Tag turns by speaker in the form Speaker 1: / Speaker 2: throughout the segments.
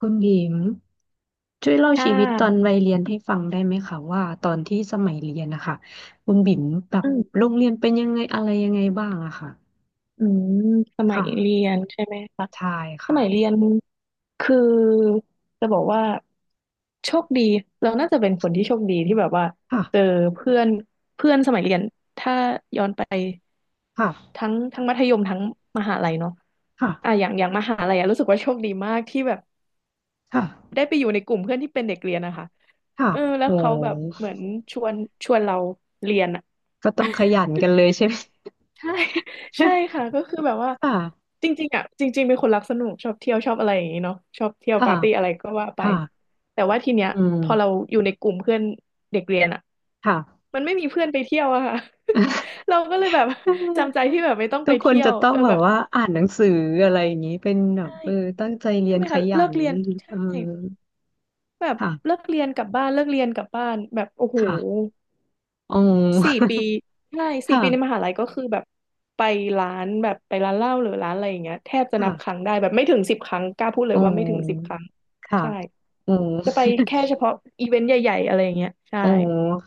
Speaker 1: คุณหญิงช่วยเล่า
Speaker 2: ค่
Speaker 1: ชีวิตตอน
Speaker 2: ะ
Speaker 1: วัยเรียนให้ฟังได้ไหมคะว่าตอนที่สมัยเรียนนะคะคุณบิ่มแบบ
Speaker 2: อื
Speaker 1: โร
Speaker 2: ม
Speaker 1: งเรียนเป็นยังไงอะไรยังไงบ้างอะค่ะ
Speaker 2: อืมสมั
Speaker 1: ค่ะ
Speaker 2: ยเรียนใช่ไหมคะ
Speaker 1: ใช่
Speaker 2: สมัยเรี
Speaker 1: ค่ะ
Speaker 2: ยนคือจะบอกว่าโชคดีเราน่าจะเป็นคนที่โชคดีที่แบบว่า
Speaker 1: ค่ะ
Speaker 2: เจอเพื่อนเพื่อนสมัยเรียนถ้าย้อนไป
Speaker 1: ค่ะ
Speaker 2: ทั้งมัธยมทั้งมหาลัยเนาะ
Speaker 1: ค่ะ
Speaker 2: อ่ะอย่างมหาลัยอะรู้สึกว่าโชคดีมากที่แบบ
Speaker 1: ค่ะ
Speaker 2: ได้ไปอยู่ในกลุ่มเพื่อนที่เป็นเด็กเรียนนะคะ
Speaker 1: ค่ะ
Speaker 2: เออแล้ว
Speaker 1: โอ้
Speaker 2: เขาแบบเหมือนชวนชวนเราเรียนอะ
Speaker 1: ก็ต้อ งขยันกันเลยใช่ไหม
Speaker 2: ใช่ ใช่ ค่ะก็คือแบบว่า
Speaker 1: ค่ะ
Speaker 2: จริงๆเป็นคนรักสนุกชอบเที่ยวชอบอะไรอย่างนี้เนาะชอบเที่ยว
Speaker 1: ค่ะ
Speaker 2: ปาร์ตี้อะไรก็ว่าไป
Speaker 1: ค่ะ
Speaker 2: แต่ว่าทีเนี้ย
Speaker 1: อื
Speaker 2: พอเรา
Speaker 1: ม
Speaker 2: อยู่ในกลุ่มเพื่อนเด็กเรียนอ่ะ
Speaker 1: ค่ะ
Speaker 2: มันไม่มีเพื่อนไปเที่ยวอะค่ะ เราก็เลยแบบจำใจที่แบบไม่ต้อง
Speaker 1: ทุ
Speaker 2: ไป
Speaker 1: กคน
Speaker 2: เที่ย
Speaker 1: จะ
Speaker 2: ว
Speaker 1: ต้อง
Speaker 2: เออ
Speaker 1: แบ
Speaker 2: แบ
Speaker 1: บ
Speaker 2: บ
Speaker 1: ว่าอ่านหนังสืออะไรอย่างนี้เป็นแบบ
Speaker 2: ใช่
Speaker 1: เออตั้งใจเรี
Speaker 2: ใช่
Speaker 1: ยน
Speaker 2: ไหม
Speaker 1: ข
Speaker 2: คะ
Speaker 1: ยั
Speaker 2: เลิก
Speaker 1: น
Speaker 2: เรียนใช่
Speaker 1: เออ
Speaker 2: แบบเลิ
Speaker 1: ค่ะ
Speaker 2: กเรียนกลับบ้านเลิกเรียนกลับบ้านแบบโอ้โห
Speaker 1: ค่ะ อ๋อ
Speaker 2: สี่ ปีใช่สี่ปีในม
Speaker 1: ค่ะ
Speaker 2: หาลัยก็คือแบบไปร้านแบบไปร้านเหล้าหรือร้านอะไรอย่างเงี้ยแทบจะนับค
Speaker 1: ค่ะ
Speaker 2: รั้งได้แบบไม่ถึงสิบครั้งกล้าพูดเล
Speaker 1: อ๋
Speaker 2: ยว่าไม่ถึงสิบ
Speaker 1: อ
Speaker 2: ครั้ง
Speaker 1: ค่ะ
Speaker 2: ใช่
Speaker 1: อ๋อ
Speaker 2: จะไปแค่เฉพาะอีเวนต์ใหญ่ๆอะไรอย่างเงี้ยใช่
Speaker 1: อ๋อ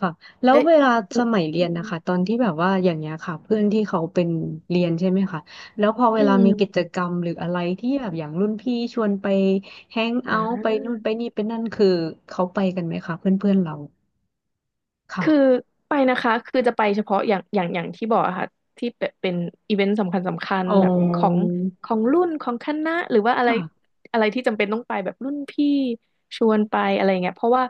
Speaker 1: ค่ะแล้ว
Speaker 2: แล้ว
Speaker 1: เวลา
Speaker 2: อ
Speaker 1: ส
Speaker 2: ย่าง
Speaker 1: มัยเรี
Speaker 2: อื
Speaker 1: ยน
Speaker 2: ม
Speaker 1: นะคะตอนที่แบบว่าอย่างเงี้ยค่ะเพื่อนที่เขาเป็นเรียนใช่ไหมคะแล้วพอเว
Speaker 2: อื
Speaker 1: ลามีกิจ
Speaker 2: ม
Speaker 1: กรรมหรืออะไรที่แบบอย่างรุ่นพี่ชวนไปแฮงเอาท์ไป
Speaker 2: อ่า
Speaker 1: นู่นไปนี่ไปนั่นคือเขาไปกันไหมคะเพื่อนเพื่อนเรา
Speaker 2: คือ
Speaker 1: ค่ะ
Speaker 2: ไปนะคะคือจะไปเฉพาะอย่างที่บอกอะค่ะที่เป็นอีเวนต์สำคัญ
Speaker 1: อ๋อ
Speaker 2: แบบของของรุ่นของคณะหรือว่าอะไร
Speaker 1: ค่ะ
Speaker 2: อะไรที่จำเป็นต้องไปแบบรุ่นพี่ชวนไปอะไรเงี้ยเพราะว่า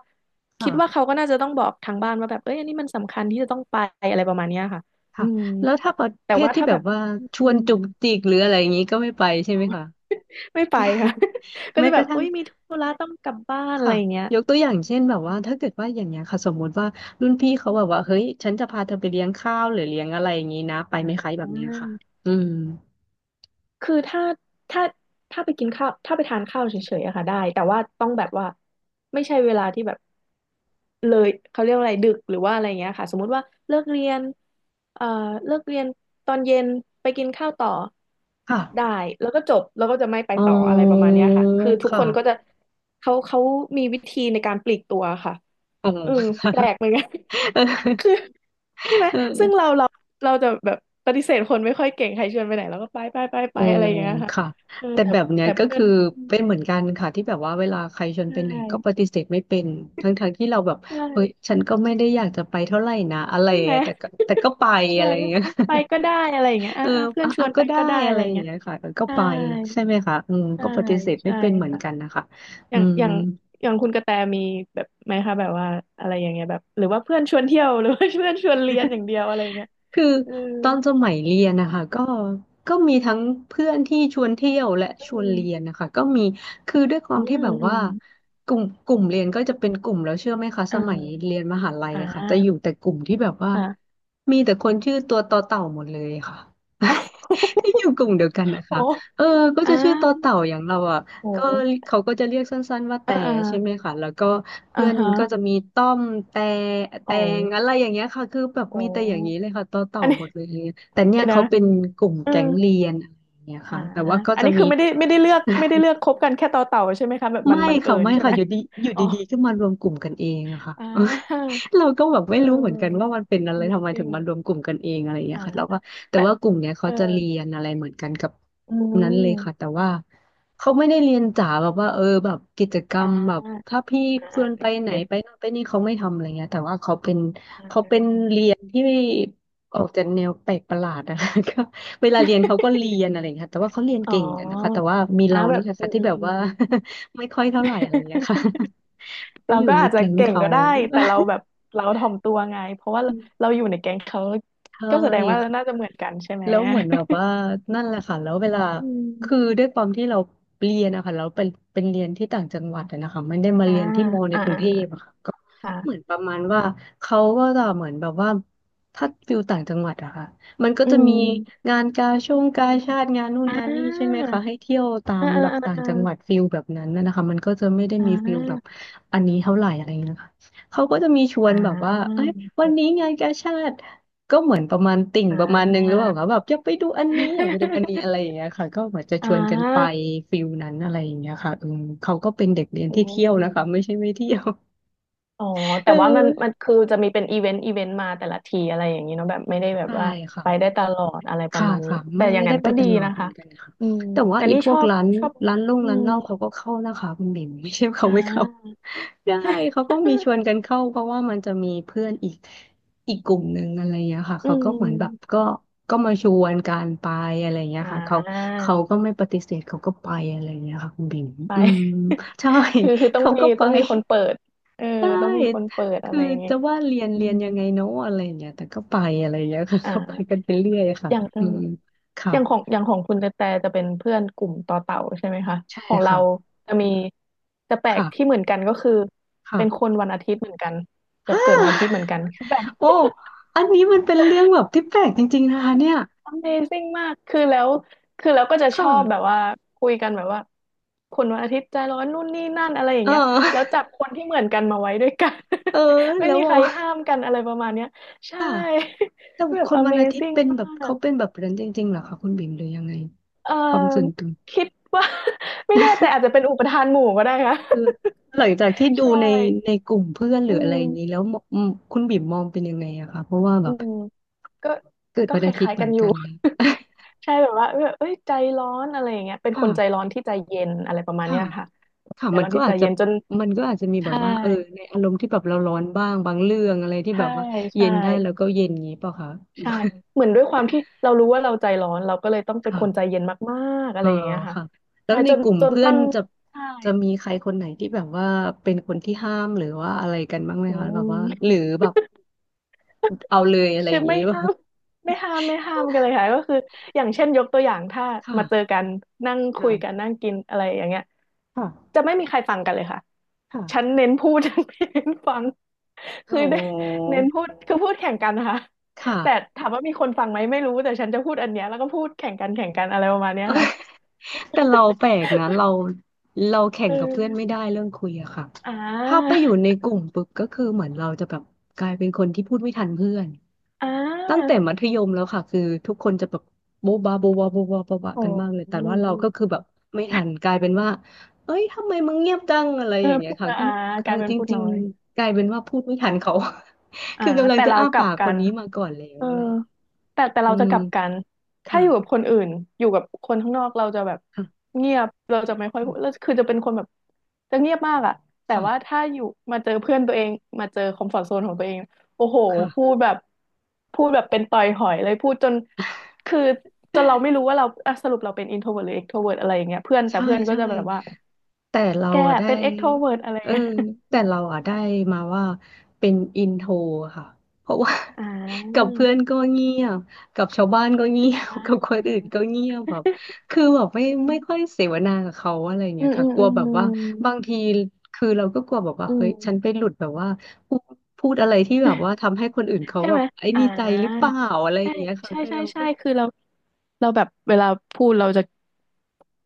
Speaker 2: คิดว่า
Speaker 1: ค่ะ
Speaker 2: เขาก็น่าจะต้องบอกทางบ้านว่าแบบเอ้ยอันนี้มันสำคัญที่จะต้องไปอะไรประมาณเนี้ยค่ะอื
Speaker 1: ค่ะ
Speaker 2: ม
Speaker 1: แล้วถ้าประ
Speaker 2: แต่
Speaker 1: เภท
Speaker 2: ว่า
Speaker 1: ที่
Speaker 2: ถ้า
Speaker 1: แบ
Speaker 2: แบ
Speaker 1: บ
Speaker 2: บ
Speaker 1: ว่า
Speaker 2: อ
Speaker 1: ช
Speaker 2: ื
Speaker 1: วน
Speaker 2: ม
Speaker 1: จุกจิกหรืออะไรอย่างนี้ก็ไม่ไปใช่ไหมคะ
Speaker 2: ไม่ไปค่ะ ก็
Speaker 1: แม้
Speaker 2: จะ
Speaker 1: ก
Speaker 2: แบ
Speaker 1: ระ
Speaker 2: บ
Speaker 1: ทั่
Speaker 2: เอ้
Speaker 1: ง
Speaker 2: ยมีธุระต้องกลับบ้านอะไร
Speaker 1: ค่ะ
Speaker 2: อย่างเงี้ย
Speaker 1: ยกตัวอย่างเช่นแบบว่าถ้าเกิดว่าอย่างเงี้ยค่ะสมมุติว่ารุ่นพี่เขา
Speaker 2: อื
Speaker 1: แบ
Speaker 2: ม
Speaker 1: บว่าเฮ้ยฉันจะพาเธอไปเลี้ยงข้าวหรือเลี้ยงอะไรอย่างงี้นะไป
Speaker 2: อ่
Speaker 1: ไหมคะแบบเนี้ยค่ะ
Speaker 2: า
Speaker 1: อืม
Speaker 2: คือถ้าถ้าไปกินข้าวถ้าไปทานข้าวเฉยๆอะค่ะได้แต่ว่าต้องแบบว่าไม่ใช่เวลาที่แบบเลยเขาเรียกว่าอะไรดึกหรือว่าอะไรเงี้ยค่ะสมมุติว่าเลิกเรียนเอ่อเลิกเรียนตอนเย็นไปกินข้าวต่อ
Speaker 1: ค่ะ
Speaker 2: ได้แล้วก็จบแล้วก็จะไม่ไป
Speaker 1: อ๋
Speaker 2: ต่ออะไรประมาณ
Speaker 1: อ
Speaker 2: เนี้ยค่ะคือทุกค
Speaker 1: ค่ะ
Speaker 2: นก็จะเขามีวิธีในการปลีกตัวค่ะ
Speaker 1: อ๋
Speaker 2: เออแป
Speaker 1: อ
Speaker 2: ลกเหมือนกัน คือ ใช่ไหม
Speaker 1: เออ
Speaker 2: ซึ่งเรา
Speaker 1: อ
Speaker 2: เราเราจะแบบปฏิเสธคนไม่ค่อยเก่งใครชวนไปไหนเราก็ไปไปไปไป
Speaker 1: ๋อ
Speaker 2: อะไรอย่างเงี้ยค่ะ
Speaker 1: ค่ะ
Speaker 2: เออ
Speaker 1: แต่
Speaker 2: แต่
Speaker 1: แบบเนี้ย
Speaker 2: แต่
Speaker 1: ก็
Speaker 2: เพื่อน
Speaker 1: คือเป็นเหมือนกันค่ะที่แบบว่าเวลาใครชวน
Speaker 2: ใช
Speaker 1: ไปไหนก็ป
Speaker 2: ่
Speaker 1: ฏิเสธไม่เป็นทั้งๆทที่เราแบบ
Speaker 2: ใช
Speaker 1: เฮ้ย
Speaker 2: ่
Speaker 1: ฉันก็ไม่ได้อยากจะไปเท่าไหร่นะอะไร
Speaker 2: ใช่ไหม
Speaker 1: อะแต่ก็ไป อะ
Speaker 2: ใช่
Speaker 1: ไรอย่าง
Speaker 2: ก็
Speaker 1: เงี้ย
Speaker 2: อ่ะไปก็ได้อะไรอย่างเงี้ย
Speaker 1: เอ
Speaker 2: อ่ะ
Speaker 1: อ
Speaker 2: อ่ะเพื่อน
Speaker 1: อ่ะ
Speaker 2: ช
Speaker 1: อ่ะ
Speaker 2: วน
Speaker 1: ก็
Speaker 2: ไป
Speaker 1: ได้
Speaker 2: ก็ได้
Speaker 1: อะ
Speaker 2: อะ
Speaker 1: ไร
Speaker 2: ไรอ
Speaker 1: อ
Speaker 2: ย่าง
Speaker 1: ย่าง
Speaker 2: เงี้ย
Speaker 1: เงี้ยค่ะเออก็
Speaker 2: ใช่
Speaker 1: ไปใช่ไหมคะอืม
Speaker 2: ใช่
Speaker 1: ก็ปฏิเสธไม่
Speaker 2: ใช่
Speaker 1: เป็นเหมือน
Speaker 2: ค่ะ
Speaker 1: กันนะคะ
Speaker 2: อ
Speaker 1: อื
Speaker 2: ย่าง
Speaker 1: ม
Speaker 2: อย่างอย่างคุณกระแตมีแบบไหมคะแบบว่าอะไรอย่างเงี้ยแบบหรือว่าเพื่อนชวนเที่ยว หรือว่าเพื่อนชวนเรียนอย่างเดียวอะไรอย่างเงี้ย
Speaker 1: คือ
Speaker 2: เออ
Speaker 1: ตอนสมัยเรียนนะคะก็มีทั้งเพื่อนที่ชวนเที่ยวและ
Speaker 2: อื
Speaker 1: ชวน
Speaker 2: ม
Speaker 1: เรียนนะคะก็มีคือด้วยควา
Speaker 2: อื
Speaker 1: มที่
Speaker 2: ม
Speaker 1: แบบ
Speaker 2: อื
Speaker 1: ว่า
Speaker 2: ม
Speaker 1: กลุ่มเรียนก็จะเป็นกลุ่มแล้วเชื่อไหมคะส
Speaker 2: อ่
Speaker 1: มัยเรี
Speaker 2: า
Speaker 1: ยนมหาลัย
Speaker 2: อ่
Speaker 1: อะค่ะจะอยู่
Speaker 2: า
Speaker 1: แต่กลุ่มที่แบบว่ามีแต่คนชื่อตัวต่อเต่าหมดเลยค่ะ
Speaker 2: อ้าว
Speaker 1: ที่อยู่กลุ่มเดียวกัน นะ
Speaker 2: โอ้
Speaker 1: คะเออก็
Speaker 2: อ่า
Speaker 1: จะชื่อต่อเต่าอย่างเราอ่ะ
Speaker 2: โอ้
Speaker 1: ก็เขาก็จะเรียกสั้นๆว่า
Speaker 2: อ่า
Speaker 1: แต่
Speaker 2: อ่า
Speaker 1: ใช่ไหมคะแล้วก็
Speaker 2: อ่า
Speaker 1: เพื่อน
Speaker 2: ฮะ
Speaker 1: ก็จะมีต้อมแต่แต
Speaker 2: โอ้
Speaker 1: งอะไรอย่างเงี้ยค่ะคือแบบ
Speaker 2: โอ้
Speaker 1: มีแต่อย่างนี้เลยค่ะต่อ
Speaker 2: อันนี้
Speaker 1: หม ดเลยอย่างเงี้ยแต่เนี่ย
Speaker 2: เดี๋ยวนะ
Speaker 1: เขาเป็นกลุ่ม
Speaker 2: เอื
Speaker 1: แก๊งเรียนอะไรอย่างเงี้ย
Speaker 2: อ่า
Speaker 1: ค่ะแต่ว่าก็
Speaker 2: อัน
Speaker 1: จะ
Speaker 2: นี้
Speaker 1: มี
Speaker 2: คือไม่ได้ไม่ได้ เลือกคบกันแค่ต่อเต่าใช่ไหมคะแบบมั
Speaker 1: ไม่
Speaker 2: นบังเอิ
Speaker 1: ค่ะ
Speaker 2: ญ
Speaker 1: ไม่
Speaker 2: ใช่ไห
Speaker 1: ค่ะ
Speaker 2: ม
Speaker 1: อยู่ดีอยู่
Speaker 2: อ๋อ
Speaker 1: ดีๆก็มารวมกลุ่มกันเองอะค่ะ
Speaker 2: อ่า
Speaker 1: เราก็แบบไม่
Speaker 2: เอ
Speaker 1: รู้เหมือนกันว่า
Speaker 2: อ
Speaker 1: มันเป็นอะไรทำไมถึงมา
Speaker 2: Amazing
Speaker 1: รวมกลุ่มกันเองอะไรอย่างเงี้
Speaker 2: อ่า
Speaker 1: ยค่ะแล้วก็แต่
Speaker 2: แต่
Speaker 1: ว่ากลุ่มเนี้ย
Speaker 2: เอ
Speaker 1: เขา
Speaker 2: อ
Speaker 1: จะเรียนอะไรเหมือนกันกับ
Speaker 2: อื
Speaker 1: นั้นเลยค่ะ
Speaker 2: ม
Speaker 1: แต่ว่าเขาไม่ได้เรียนจ๋าแบบว่าเออแบบกิจกรรม
Speaker 2: อ่า
Speaker 1: แบบถ้าพี่
Speaker 2: อ่า
Speaker 1: ชวนไปไหน
Speaker 2: เก็ต
Speaker 1: ไปนั่นไปนี่เขาไม่ทำอะไรเงี้ยแต่ว่าเขาเป็น
Speaker 2: อ่
Speaker 1: เขาเป็น
Speaker 2: า
Speaker 1: เรียนที่ออกจากแนวแปลกประหลาดอะคะ ก็เวลาเรียนเขาก็เรียนอะไรอย่างเงี้ยค่ะแต่ว่าเขาเรียน
Speaker 2: อ๋อ
Speaker 1: เก่งกันนะคะแต่ว่ามี
Speaker 2: อ่า
Speaker 1: เรา
Speaker 2: แบ
Speaker 1: นี่
Speaker 2: บ
Speaker 1: แหละ
Speaker 2: อื
Speaker 1: ค่ะ
Speaker 2: ม
Speaker 1: ที่
Speaker 2: อื
Speaker 1: แบ
Speaker 2: ม
Speaker 1: บ
Speaker 2: อื
Speaker 1: ว่า ไม่ค่อยเท่าไหร่อะไรอย่างเงี้ยค่ะ
Speaker 2: ม
Speaker 1: ไป
Speaker 2: เรา
Speaker 1: อยู่
Speaker 2: ก็
Speaker 1: ใน
Speaker 2: อาจจะ
Speaker 1: แก๊ง
Speaker 2: เก่ง
Speaker 1: เขา
Speaker 2: ก็ได้แต่เราแบบเราถ่อมตัวไงเพราะว่าเราเรา อยู่ในแก๊งเขา
Speaker 1: เช
Speaker 2: ก็แสดงว่าเรา
Speaker 1: ่
Speaker 2: น่าจะเหมือนกันใช่ไหม
Speaker 1: แล้วเหมือนแบบว่านั่นแหละค่ะแล้วเวลา
Speaker 2: อืม
Speaker 1: คือด้วยความที่เราเรียนนะคะเราเป็นเรียนที่ต่างจังหวัดอะนะคะไม่ได้มา
Speaker 2: อ่า
Speaker 1: เรียนที่มอใน
Speaker 2: อ่า
Speaker 1: กรุง
Speaker 2: อ่า
Speaker 1: เทพอะค่ะก็เหมือ
Speaker 2: ค่ะ
Speaker 1: นประมาณว่าเขาก็จะเหมือนแบบว่าถ้าฟิลต่างจังหวัดอะค่ะมันก็
Speaker 2: อื
Speaker 1: จะมี
Speaker 2: ม
Speaker 1: งานกาช่วงกาชาติงานนู่น
Speaker 2: อ่
Speaker 1: งานนี่ใช่ไหม
Speaker 2: า
Speaker 1: คะให้เที่ยวตาม
Speaker 2: อ่าอ่า
Speaker 1: แบบต่างจังหวัด
Speaker 2: อ่า
Speaker 1: ฟิลแบบนั้นนะคะมันก็จะไม่ได้
Speaker 2: อ่
Speaker 1: มีฟิลแบบ
Speaker 2: า
Speaker 1: อันนี้เท่าไหร่อะไรเงี้ยค่ะเขาก็จะมีชว
Speaker 2: อ่
Speaker 1: นแบบว่า
Speaker 2: า
Speaker 1: เอ้ยวั
Speaker 2: เก็
Speaker 1: นนี้
Speaker 2: ต
Speaker 1: งานกาชาติ ก็เหมือนประมาณติ่ง
Speaker 2: อ่
Speaker 1: ประมาณนึงหรือเป
Speaker 2: า
Speaker 1: ล่าคะแบบอยากไปดูอันนี้อยากไปดูอันนี้อะไรอย่าง เงี้ยค่ะก็เหมือนจะ
Speaker 2: อ่
Speaker 1: ชวนกันไป
Speaker 2: า
Speaker 1: ฟิลนั้นอะไรอย่างเงี้ยค่ะเออเขาก็เป็นเด็กเรียน
Speaker 2: อื
Speaker 1: ที่เที่ยวนะคะ
Speaker 2: ม
Speaker 1: ไม่ใช่ไม่เที่ยว
Speaker 2: อ๋อ
Speaker 1: เ
Speaker 2: แต่ว่ามัน
Speaker 1: อ
Speaker 2: มัน
Speaker 1: อ
Speaker 2: คือจะมีเป็นอีเวนต์อีเวนต์มาแต่ละทีอะไรอย่างนี้เนาะแบบไม่ได้แบบ
Speaker 1: ใช่
Speaker 2: ว่า
Speaker 1: ค่ะ
Speaker 2: ไปได้ตลอดอะไรประ
Speaker 1: ค่ะ
Speaker 2: มาณนี้
Speaker 1: ค่ะ
Speaker 2: แต่
Speaker 1: ไม่
Speaker 2: อย่า
Speaker 1: ไม่
Speaker 2: ง
Speaker 1: ได้
Speaker 2: นั้น
Speaker 1: ไป
Speaker 2: ก็
Speaker 1: ต
Speaker 2: ดี
Speaker 1: ลอด
Speaker 2: นะ
Speaker 1: เหมือ
Speaker 2: คะ
Speaker 1: นกันค่ะ
Speaker 2: อืม
Speaker 1: แต่ว่า
Speaker 2: แต่
Speaker 1: อี
Speaker 2: นี่
Speaker 1: พ
Speaker 2: ช
Speaker 1: วก
Speaker 2: อบ
Speaker 1: ร้าน
Speaker 2: ชอบ
Speaker 1: ร้านลง
Speaker 2: อื
Speaker 1: ร้าน
Speaker 2: ม
Speaker 1: เหล้าเขาก็เข้านะคะคุณบิ่ม ไม่ใช่เขา
Speaker 2: อ่า
Speaker 1: ไม่เข้าได้เขาก็มีชวน กันเข้าเพราะว่ามันจะมีเพื่อนอีกอีกกลุ่มหนึ่งอะไรอย่างเงี้ยค่ะ
Speaker 2: อื
Speaker 1: เขาก็เหมือนแบบ
Speaker 2: ม
Speaker 1: ก็มาชวนการไปอะไรอย่างเงี้ย
Speaker 2: อ่
Speaker 1: ค่ะเขา
Speaker 2: า
Speaker 1: เขาก็ไม่ปฏิเสธเขาก็ไปอะไรอย่างเงี้ยค่ะคุณบิ่ม
Speaker 2: ไป
Speaker 1: อืม ใช่
Speaker 2: คื อคือต้อง
Speaker 1: เขา
Speaker 2: มี
Speaker 1: ก็ไป
Speaker 2: ต้องมีคนเปิดเออ
Speaker 1: ได้
Speaker 2: ต้องมีคนเปิดอะ
Speaker 1: คือ
Speaker 2: ไรอย่างงี้
Speaker 1: จะ
Speaker 2: ย
Speaker 1: ว่าเรียน
Speaker 2: อื
Speaker 1: เรียน
Speaker 2: ม
Speaker 1: ยังไงเนาะอะไรอย่างเงี้ยแต่ก็ไปอะไรอย่างเงี้ยค่ะ
Speaker 2: อ
Speaker 1: ก็ไปกั
Speaker 2: ่า
Speaker 1: นไปเรื่อยค่ะ
Speaker 2: อย่างอื
Speaker 1: อื
Speaker 2: ม
Speaker 1: ม
Speaker 2: อ
Speaker 1: ค่ะ
Speaker 2: ย่างของคุณแต่แต่จะเป็นเพื่อนกลุ่มต่อเต่าใช่ไหมคะ
Speaker 1: ใช่
Speaker 2: ของเรา
Speaker 1: ค่ะ
Speaker 2: จะมีจะแปลกที่เห
Speaker 1: ค่ะ
Speaker 2: มือนกันก็คือ
Speaker 1: ค่ะ
Speaker 2: เป็นคนวันอาทิตย์เหมือนกันแบ บ
Speaker 1: ฮ่า
Speaker 2: เกิดวันอาทิตย์เหมือนกันคือแบบ
Speaker 1: โอ้อันนี้มันเป็นเรื่องแบบที่แปลกจริงๆนะคะเนี่ย
Speaker 2: Amazing มากคือแล้วคือแล้วก็จะ
Speaker 1: ค
Speaker 2: ชอบแบบ
Speaker 1: ่ะ
Speaker 2: ว่าคุยกันแบบว่าคนวันอาทิตย์ใจร้อนนู่นนี่นั่นอะไรอย่าง
Speaker 1: เอ
Speaker 2: เงี้ยแล้ว
Speaker 1: อ
Speaker 2: จับคนที่เหมือนกันมาไว้ด้วยกัน
Speaker 1: เออ
Speaker 2: ไม่
Speaker 1: แล้ว
Speaker 2: มีใครห้า
Speaker 1: อ่ะ
Speaker 2: มกันอะไรประมาณเนี้ยใช่
Speaker 1: ค่ะแต่
Speaker 2: แบ
Speaker 1: ค
Speaker 2: บ
Speaker 1: นวันอาทิตย์
Speaker 2: Amazing
Speaker 1: เป็น
Speaker 2: ม
Speaker 1: แบบ
Speaker 2: า
Speaker 1: เขา
Speaker 2: ก
Speaker 1: เป็นแบบนั้นจริงๆเหรอคะคุณบิ่มหรือยังไง
Speaker 2: เอ่อ
Speaker 1: ความส่วนตัว
Speaker 2: คิดว่า ไม่แน่ใจอาจจะเป็นอุปทานหมู่ก็ได้ค่ะ
Speaker 1: คือหลังจากที่ดู
Speaker 2: ใช่
Speaker 1: ในกลุ่มเพื่อนหรื
Speaker 2: อื
Speaker 1: ออะไรอย่างนี้แล้
Speaker 2: ม
Speaker 1: วมคุณบิ่มมองเป็นยังไงอะคะเพราะว่าแบ
Speaker 2: อื
Speaker 1: บ
Speaker 2: มก็
Speaker 1: เกิด
Speaker 2: ก็
Speaker 1: วัน
Speaker 2: ค
Speaker 1: อาทิต
Speaker 2: ล้า
Speaker 1: ย์
Speaker 2: ย
Speaker 1: เห
Speaker 2: ๆ
Speaker 1: มื
Speaker 2: กั
Speaker 1: อ
Speaker 2: น
Speaker 1: น
Speaker 2: อยู่
Speaker 1: กันเลย
Speaker 2: ใช่แบบว่าเอ้ยใจร้อนอะไรอย่างเงี้ยเป็นคนใจ
Speaker 1: ค่ะ
Speaker 2: ร้อนที่ใจเย็นอะไรประมาณ
Speaker 1: ค่ะ
Speaker 2: เนี้ยค่ะ
Speaker 1: ค่ะ
Speaker 2: ใจร้อนที่ใจเย็นจน
Speaker 1: มันก็อาจจะมีแบบ
Speaker 2: ใช่
Speaker 1: ว่าเออในอารมณ์ที่แบบเราร้อนบ้างบางเรื่องอะไรที่
Speaker 2: ใช่
Speaker 1: แบบว่าเย็
Speaker 2: ใช่
Speaker 1: นได้แล้วก็เย็นอย่างนี้เปล่าคะ
Speaker 2: ใช่เหมือนด้วยความที่เรารู้ว่าเราใจร้อนเราก็เลยต้อง เป็น
Speaker 1: ค่ะ
Speaker 2: คนใจเย็นมากๆอะ
Speaker 1: อ๋อ
Speaker 2: ไรอย่างเงี้ยค่ะ
Speaker 1: ค่ะแล้
Speaker 2: ใช่
Speaker 1: วใน
Speaker 2: จน
Speaker 1: กลุ่ม
Speaker 2: จน
Speaker 1: เพื่อน
Speaker 2: ตั้ง
Speaker 1: จะ
Speaker 2: ใช่
Speaker 1: จะมีใครคนไหนที่แบบว่าเป็นคนที่ห้ามหรือว่าอะไรกันบ้างไหม
Speaker 2: อื
Speaker 1: คะแบบว่าห
Speaker 2: ม
Speaker 1: รือแบบเอาเลยอะไร
Speaker 2: ใช่
Speaker 1: อย่าง
Speaker 2: ไม่
Speaker 1: นี้ว่ะ
Speaker 2: ห้ามไม่ห้ามไม่ห้ามกันเลยค่ะก็คืออย่างเช่นยกตัวอย่างถ้ามาเจอ
Speaker 1: ค่ะ
Speaker 2: กันนั่งคุยกัน
Speaker 1: ค่ะ
Speaker 2: นั่งกินอะไรอย่างเงี้ย
Speaker 1: ค่ะ
Speaker 2: จะไม่มีใครฟังกันเลยค่ะฉัน
Speaker 1: ค่ะ
Speaker 2: เน้นพูด ฉันไม่เน้นฟัง
Speaker 1: อ๋
Speaker 2: คือเน้น
Speaker 1: อ
Speaker 2: เน้นพูดคือพูดแข่งกันนะคะ
Speaker 1: ค่ะ
Speaker 2: แต่ถา มว่ามีคนฟังไหมไม่รู้แต่ฉันจะพูดอันเนี้ยแล้วก็พูดแข่งกันแข่งกันอะไรประมาณเนี้ยค่ะ
Speaker 1: แต่เราแปลกนะเราแข่
Speaker 2: เ
Speaker 1: งกับเพื่อน
Speaker 2: ออ
Speaker 1: ไม่ได้เรื่องคุยอะค่ะ
Speaker 2: อ่า
Speaker 1: ถ้าไปอยู่ในกลุ่มปุ๊บก็คือเหมือนเราจะแบบกลายเป็นคนที่พูดไม่ทันเพื่อน
Speaker 2: อ่
Speaker 1: ตั้งแต่
Speaker 2: า
Speaker 1: มัธยมแล้วค่ะคือทุกคนจะแบบโบ๊ะบาโบ๊ะบาโบ๊ะบาโบ๊ะบากั
Speaker 2: โอ้
Speaker 1: นมากเลยแต่ว่าเราก็คือแบบไม่ทันกลายเป็นว่าเอ้ยทำไมมึงเงียบจังอะไรอย่างเงี้
Speaker 2: พู
Speaker 1: ย
Speaker 2: ด
Speaker 1: ค่ะ
Speaker 2: นะ
Speaker 1: ก็
Speaker 2: อ่า
Speaker 1: เอ
Speaker 2: ก
Speaker 1: อ
Speaker 2: ลายเป็น
Speaker 1: จ
Speaker 2: พูด
Speaker 1: ริ
Speaker 2: น้
Speaker 1: ง
Speaker 2: อย
Speaker 1: ๆกลายเป็นว่าพูดไม่ทันเขา
Speaker 2: อ่า
Speaker 1: คือกำลัง
Speaker 2: แต่
Speaker 1: จะ
Speaker 2: เรา
Speaker 1: อ้า
Speaker 2: กลั
Speaker 1: ปา
Speaker 2: บ
Speaker 1: ก
Speaker 2: กั
Speaker 1: คน
Speaker 2: น
Speaker 1: นี้มาก่อนแล้ว
Speaker 2: เออ
Speaker 1: อะไรอย่างเงี้ย
Speaker 2: แต่
Speaker 1: อื
Speaker 2: เราจะ
Speaker 1: ม
Speaker 2: กลับกันถ้า
Speaker 1: ค่ะ
Speaker 2: อยู่กับคนอื่นอยู่กับคนข้างนอกเราจะแบบ
Speaker 1: ค่
Speaker 2: เงียบเราจะไม่ค่อย
Speaker 1: ะ
Speaker 2: พูดแล้วคือจะเป็นคนแบบจะเงียบมากอะแต่ว่า
Speaker 1: ค่ะ
Speaker 2: ถ้าอยู่มาเจอเพื่อนตัวเองมาเจอคอมฟอร์ z โซนของตัวเองโอ้โหพูด
Speaker 1: ค่ะ
Speaker 2: แบบพูดแบบเป็นต่อยหอยเลยพูดจนคือจนเราไม่รู้ว่าเราอ่ะสรุปเราเป็นอินโทรเวิร์หรือเอ็กโทรเวิร์อะไรอย่างเงี้ยเพื่อนแต่
Speaker 1: ใช่
Speaker 2: เพื่อนก็
Speaker 1: ใช่
Speaker 2: จะแบบว่า
Speaker 1: แต่เรา
Speaker 2: แก
Speaker 1: อะได้
Speaker 2: เป็นเอ็กโทรเวิร์อะไร
Speaker 1: เออ
Speaker 2: เงี้ย
Speaker 1: แต่เราอะได้มาว่าเป็นอินโทรค่ะเพราะว่า
Speaker 2: อ่า
Speaker 1: กับเพื่อนก็เงียบกับชาวบ้านก็เงีย บ กับ
Speaker 2: อ่า
Speaker 1: คนอื่นก็เงียบแบบคือแบบไม่ค่อยเสวนากับเขาอะไร
Speaker 2: อื
Speaker 1: เงี้ย
Speaker 2: มอื
Speaker 1: ค่ะ
Speaker 2: ม
Speaker 1: กลั
Speaker 2: อื
Speaker 1: วแบบว่า
Speaker 2: ม
Speaker 1: บางที คือเราก็กลัวแบบว่า
Speaker 2: อื
Speaker 1: เฮ้ยฉันไป
Speaker 2: ม
Speaker 1: หลุดแบบว่าพูดพูดอะไรที่แบบว่าทำให้คนอื่นเขา
Speaker 2: ใช่
Speaker 1: แบ
Speaker 2: ไห
Speaker 1: บ
Speaker 2: ม
Speaker 1: ไอ้
Speaker 2: อ่
Speaker 1: นี่ใจหรือเป
Speaker 2: า
Speaker 1: ล่าอะไรอ
Speaker 2: ใช่
Speaker 1: ย่างเงี้ยค่ะ
Speaker 2: ใช่
Speaker 1: คือ
Speaker 2: ใช่
Speaker 1: เรา
Speaker 2: ใช่
Speaker 1: ก็
Speaker 2: คือเราเราแบบเวลาพูดเราจะ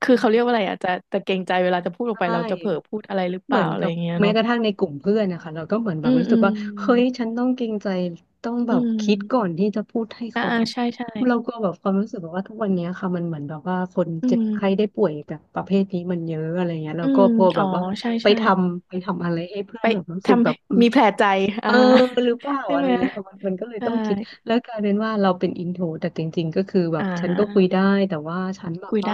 Speaker 2: คือเขาเรียกว่าอะไรอ่ะจะเกรงใจเวลาจะพูดออกไป
Speaker 1: ใช่
Speaker 2: เราจะเผลอพูดอะไรหรือเป
Speaker 1: เหมื
Speaker 2: ล่า
Speaker 1: อน
Speaker 2: อะไร
Speaker 1: กั
Speaker 2: อ
Speaker 1: บ
Speaker 2: ย่างเงี้ย
Speaker 1: แม้
Speaker 2: เนาะ
Speaker 1: กระทั่งในกลุ่มเพื่อนนะคะเราก็เหมือนแบ
Speaker 2: อื
Speaker 1: บ
Speaker 2: ม
Speaker 1: รู้
Speaker 2: อื
Speaker 1: สึก
Speaker 2: ม
Speaker 1: ว่าเฮ้ยฉันต้องเกรงใจต้องแบ
Speaker 2: อื
Speaker 1: บคิดก่อ
Speaker 2: ม
Speaker 1: นที่จะพูดให้
Speaker 2: อ่า
Speaker 1: เขา
Speaker 2: อ่า
Speaker 1: แบบ
Speaker 2: ใช่ใช่
Speaker 1: เราก็แบบความรู้สึกแบบว่าทุกวันเนี้ยค่ะมันเหมือนแบบว่าคน
Speaker 2: อื
Speaker 1: เจ็บไข้
Speaker 2: ม
Speaker 1: ได้ป่วยแบบประเภทนี้มันเยอะอะไรเงี้ย
Speaker 2: อื
Speaker 1: เราก็
Speaker 2: ม
Speaker 1: พอแบ
Speaker 2: อ๋อ
Speaker 1: บว่า
Speaker 2: ใช่
Speaker 1: ไป
Speaker 2: ใช่
Speaker 1: ทำไปทำอะไรให้เพื่อ
Speaker 2: ไป
Speaker 1: นแบบรู้สึก
Speaker 2: ทำ
Speaker 1: แบ
Speaker 2: ให้
Speaker 1: บ
Speaker 2: มีแผลใจ
Speaker 1: เอ
Speaker 2: อ่า
Speaker 1: อหรือเปล่า
Speaker 2: ใช่
Speaker 1: อะไร
Speaker 2: ไหม
Speaker 1: เงี้ยค่ะมันก็เลย
Speaker 2: ใช่
Speaker 1: ต้องคิดแล้วกลายเป็นว่าเราเป็นอินโทรแต่จริงๆก็คือแบ
Speaker 2: อ่
Speaker 1: บฉันก็คุย
Speaker 2: า
Speaker 1: ได้แต่ว่าฉันแบบ
Speaker 2: คุย
Speaker 1: ว่า
Speaker 2: ได้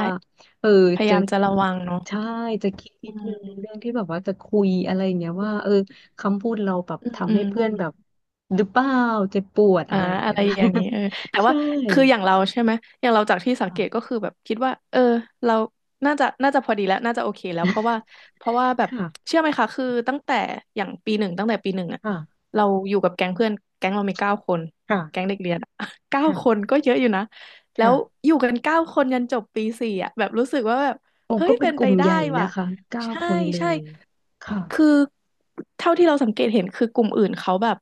Speaker 1: เออ
Speaker 2: พยา
Speaker 1: จะ
Speaker 2: ยามจะระวังเนาะ
Speaker 1: ใช่จะคิด
Speaker 2: อื
Speaker 1: นิดนึงในเรื่อง
Speaker 2: ม
Speaker 1: ที่แบบว่าจะคุยอะไรเงี้ย
Speaker 2: อื
Speaker 1: ว่า
Speaker 2: ม
Speaker 1: เออคำพูดเราแบบ
Speaker 2: อืมอื
Speaker 1: ทำให้
Speaker 2: ม
Speaker 1: เพื่อนแบบหรือเปล่าเจ็บปวดอะ
Speaker 2: อ่า
Speaker 1: ไรอย่าง
Speaker 2: อะ
Speaker 1: เงี้
Speaker 2: ไร
Speaker 1: ย
Speaker 2: อย่างนี้เออแต่ว่า
Speaker 1: ใช่
Speaker 2: คืออย่างเราใช่ไหมอย่างเราจากที่สังเกต
Speaker 1: ค่ะ
Speaker 2: ก็คือแบบคิดว่าเออเราน่าจะน่าจะพอดีแล้วน่าจะโอเคแล้วเพราะว่าแบบ
Speaker 1: ค่ะ
Speaker 2: เชื่อไหมคะคือตั้งแต่อย่างปีหนึ่งตั้งแต่ปีหนึ่งอะเราอยู่กับแก๊งเพื่อนแก๊งเรามีเก้าคนแก๊ง
Speaker 1: ค่ะ
Speaker 2: เด็กเรียนอะ เก้าคน
Speaker 1: ค่ะ
Speaker 2: ก็เยอะอยู่นะแล้ว
Speaker 1: ค่ะ
Speaker 2: อยู่กันเก้าคนยันจบปีสี่อะแบบรู้สึกว่าแบบ
Speaker 1: โอ้
Speaker 2: เฮ้ย
Speaker 1: ก็เป็น
Speaker 2: เป็น
Speaker 1: ก
Speaker 2: ไป
Speaker 1: ลุ่ม
Speaker 2: ได้
Speaker 1: ใหญ่
Speaker 2: ว่ะ
Speaker 1: นะคะเก้า
Speaker 2: ใช่
Speaker 1: คนเล
Speaker 2: ใช่
Speaker 1: ยค่ะ
Speaker 2: คือเท่าที่เราสังเกตเห็นคือกลุ่มอื่นเขาแบบ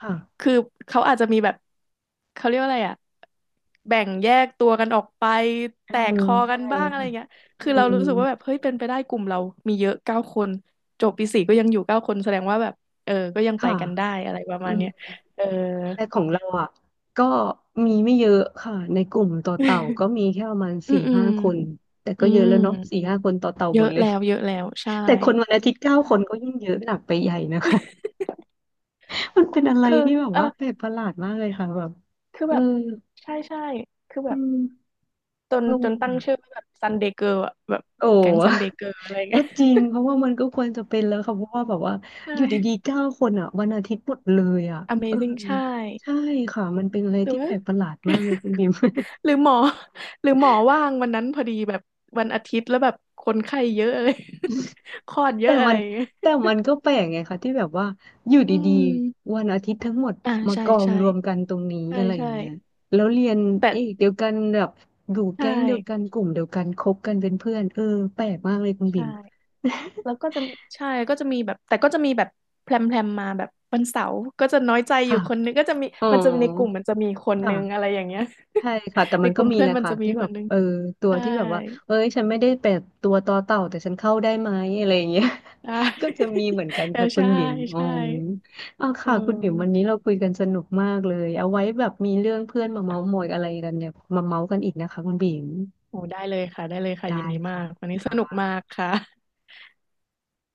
Speaker 1: ค่ะ
Speaker 2: คือเขาอาจจะมีแบบเขาเรียกว่าอะไรอะแบ่งแยกตัวกันออกไป
Speaker 1: เอ
Speaker 2: แตกค
Speaker 1: อ
Speaker 2: อกั
Speaker 1: ใช่
Speaker 2: นบ้างอะไร
Speaker 1: ค่ะ
Speaker 2: เงี้ย
Speaker 1: อื
Speaker 2: คือเรารู้
Speaker 1: ม
Speaker 2: สึกว่าแบบเฮ้ยเป็นไปได้กลุ่มเรามีเยอะเก้าคนจบปีสี่ก็ยังอยู่เก้าคนแสดงว่าแบบเออก็ยังไป
Speaker 1: ค่ะ
Speaker 2: กันได้อะไรประ
Speaker 1: อื
Speaker 2: มาณ
Speaker 1: ม
Speaker 2: เนี้ยเออ
Speaker 1: แต่ของเราอ่ะก็มีไม่เยอะค่ะในกลุ่มต่อเต่าก็ มีแค่ประมาณ
Speaker 2: อื
Speaker 1: สี่
Speaker 2: มอืม
Speaker 1: ห้าคนแต่
Speaker 2: อื
Speaker 1: ก็เยอะ
Speaker 2: ม
Speaker 1: แล้วเนาะสี่ห้าคนต่อเต่า
Speaker 2: เย
Speaker 1: หมด
Speaker 2: อะ
Speaker 1: เลย
Speaker 2: แล้วเยอะแล้วใช่
Speaker 1: แต่ค นวันอาทิตย์เก้า
Speaker 2: ใช่
Speaker 1: คนก็ยิ่งเยอะหนักไปใหญ่นะคะ มันเป็นอะไร
Speaker 2: คือ
Speaker 1: ที่แบบ
Speaker 2: เออ
Speaker 1: ว่าแปลกประหลาดมากเลยค่ะแบบ
Speaker 2: คือ
Speaker 1: เออ
Speaker 2: แบบใช่ใช่คือแบ
Speaker 1: อื
Speaker 2: บ
Speaker 1: ม
Speaker 2: จน
Speaker 1: งง
Speaker 2: จนตั้
Speaker 1: อ่ะ
Speaker 2: งชื่อว่าแบบซันเดย์เกิร์ลอะแบบ
Speaker 1: โอ้
Speaker 2: แก๊งซันเดย์เกิร์ลอะไร
Speaker 1: ก็
Speaker 2: เงี้ย
Speaker 1: จริง เพราะว่ามันก็ควรจะเป็นแล้วค่ะเพราะว่าแบบว่า
Speaker 2: ใช่
Speaker 1: อยู่ดีๆเก้าคนอ่ะวันอาทิตย์หมดเลยอ่ะเออ
Speaker 2: Amazing ใช่
Speaker 1: ใช่ค่ะมันเป็นอะไร
Speaker 2: หรือ
Speaker 1: ที่แป
Speaker 2: ว่า
Speaker 1: ลกประหลาดมากเลยคุณ บิม
Speaker 2: หรือหมอหรือหมอว่างวันนั้นพอดีแบบวันอาทิตย์แล้วแบบคนไข้เยอะอะไร คลอดเย
Speaker 1: แต่
Speaker 2: อะอะไร
Speaker 1: มัน
Speaker 2: อย่างเงี้ย
Speaker 1: แต่มันก็แปลกไงคะที่แบบว่าอยู่
Speaker 2: อื
Speaker 1: ดีๆ
Speaker 2: ม
Speaker 1: วันอาทิตย์ทั้งหมด
Speaker 2: อ่า
Speaker 1: มา
Speaker 2: ใช่
Speaker 1: กอง
Speaker 2: ใช่
Speaker 1: รวมกันตรงนี้
Speaker 2: ใช่
Speaker 1: อะไรอ
Speaker 2: ใช่
Speaker 1: ย่างเงี้ยแล้วเรียน
Speaker 2: แต่
Speaker 1: เอกเดียวกันแบบอยู่
Speaker 2: ใช
Speaker 1: แก๊งเดียวกั
Speaker 2: ่
Speaker 1: นกลุ่มเดียวกันคบกันเป็นเพื่อนเออแปลกมากเลยคุณ
Speaker 2: ใช
Speaker 1: บิ่ม
Speaker 2: ่แล้วก็จะใช่ก็จะมีแบบแต่ก็จะมีแบบแพรมแพรมมาแบบวันเสาร์ก็จะน้อยใจ อยู่
Speaker 1: ค่ะ
Speaker 2: คนนึงก็จะมี
Speaker 1: อ๋อ
Speaker 2: มันจะมีในกลุ่มมันจะมีคนนึงอะไร
Speaker 1: ค่ะ
Speaker 2: อย่างเงี้ย
Speaker 1: ใช่ค่ะแต่
Speaker 2: ใน
Speaker 1: มัน
Speaker 2: ก
Speaker 1: ก็
Speaker 2: ลุ่ม
Speaker 1: มี
Speaker 2: เพื่
Speaker 1: แห
Speaker 2: อน
Speaker 1: ละ
Speaker 2: มัน
Speaker 1: ค่ะ
Speaker 2: จะมี
Speaker 1: ที่แบ
Speaker 2: คน
Speaker 1: บ
Speaker 2: นึง
Speaker 1: เออตัว
Speaker 2: ใช่
Speaker 1: ที่แบบว่าเอ้ยฉันไม่ได้เป็นตัวต่อเต่าแต่ฉันเข้าได้ไหมอะไรอย่างเงี้ย
Speaker 2: ใช่
Speaker 1: ก็จะมีเหมือนกัน
Speaker 2: เออ
Speaker 1: ค่ะคุณ
Speaker 2: ใช่
Speaker 1: บิ่มอ๋อ
Speaker 2: ใช่
Speaker 1: ออา
Speaker 2: เอ
Speaker 1: ค่ะคุณบิ่มวันนี้
Speaker 2: อ
Speaker 1: เราคุยกันสนุกมากเลยเอาไว้แบบมีเรื่องเพื่อนมาเม้าท์มอยอะไรกันเนี่ยมาเม้าท์กันอีกนะคะคุณบิ่ม
Speaker 2: โอ้ได้เลยค่ะได้เลยค่ะยิ
Speaker 1: ได้
Speaker 2: นดีมา
Speaker 1: ค่ะ
Speaker 2: กวันนี้ส
Speaker 1: ค่ะ
Speaker 2: นุกมากค่ะ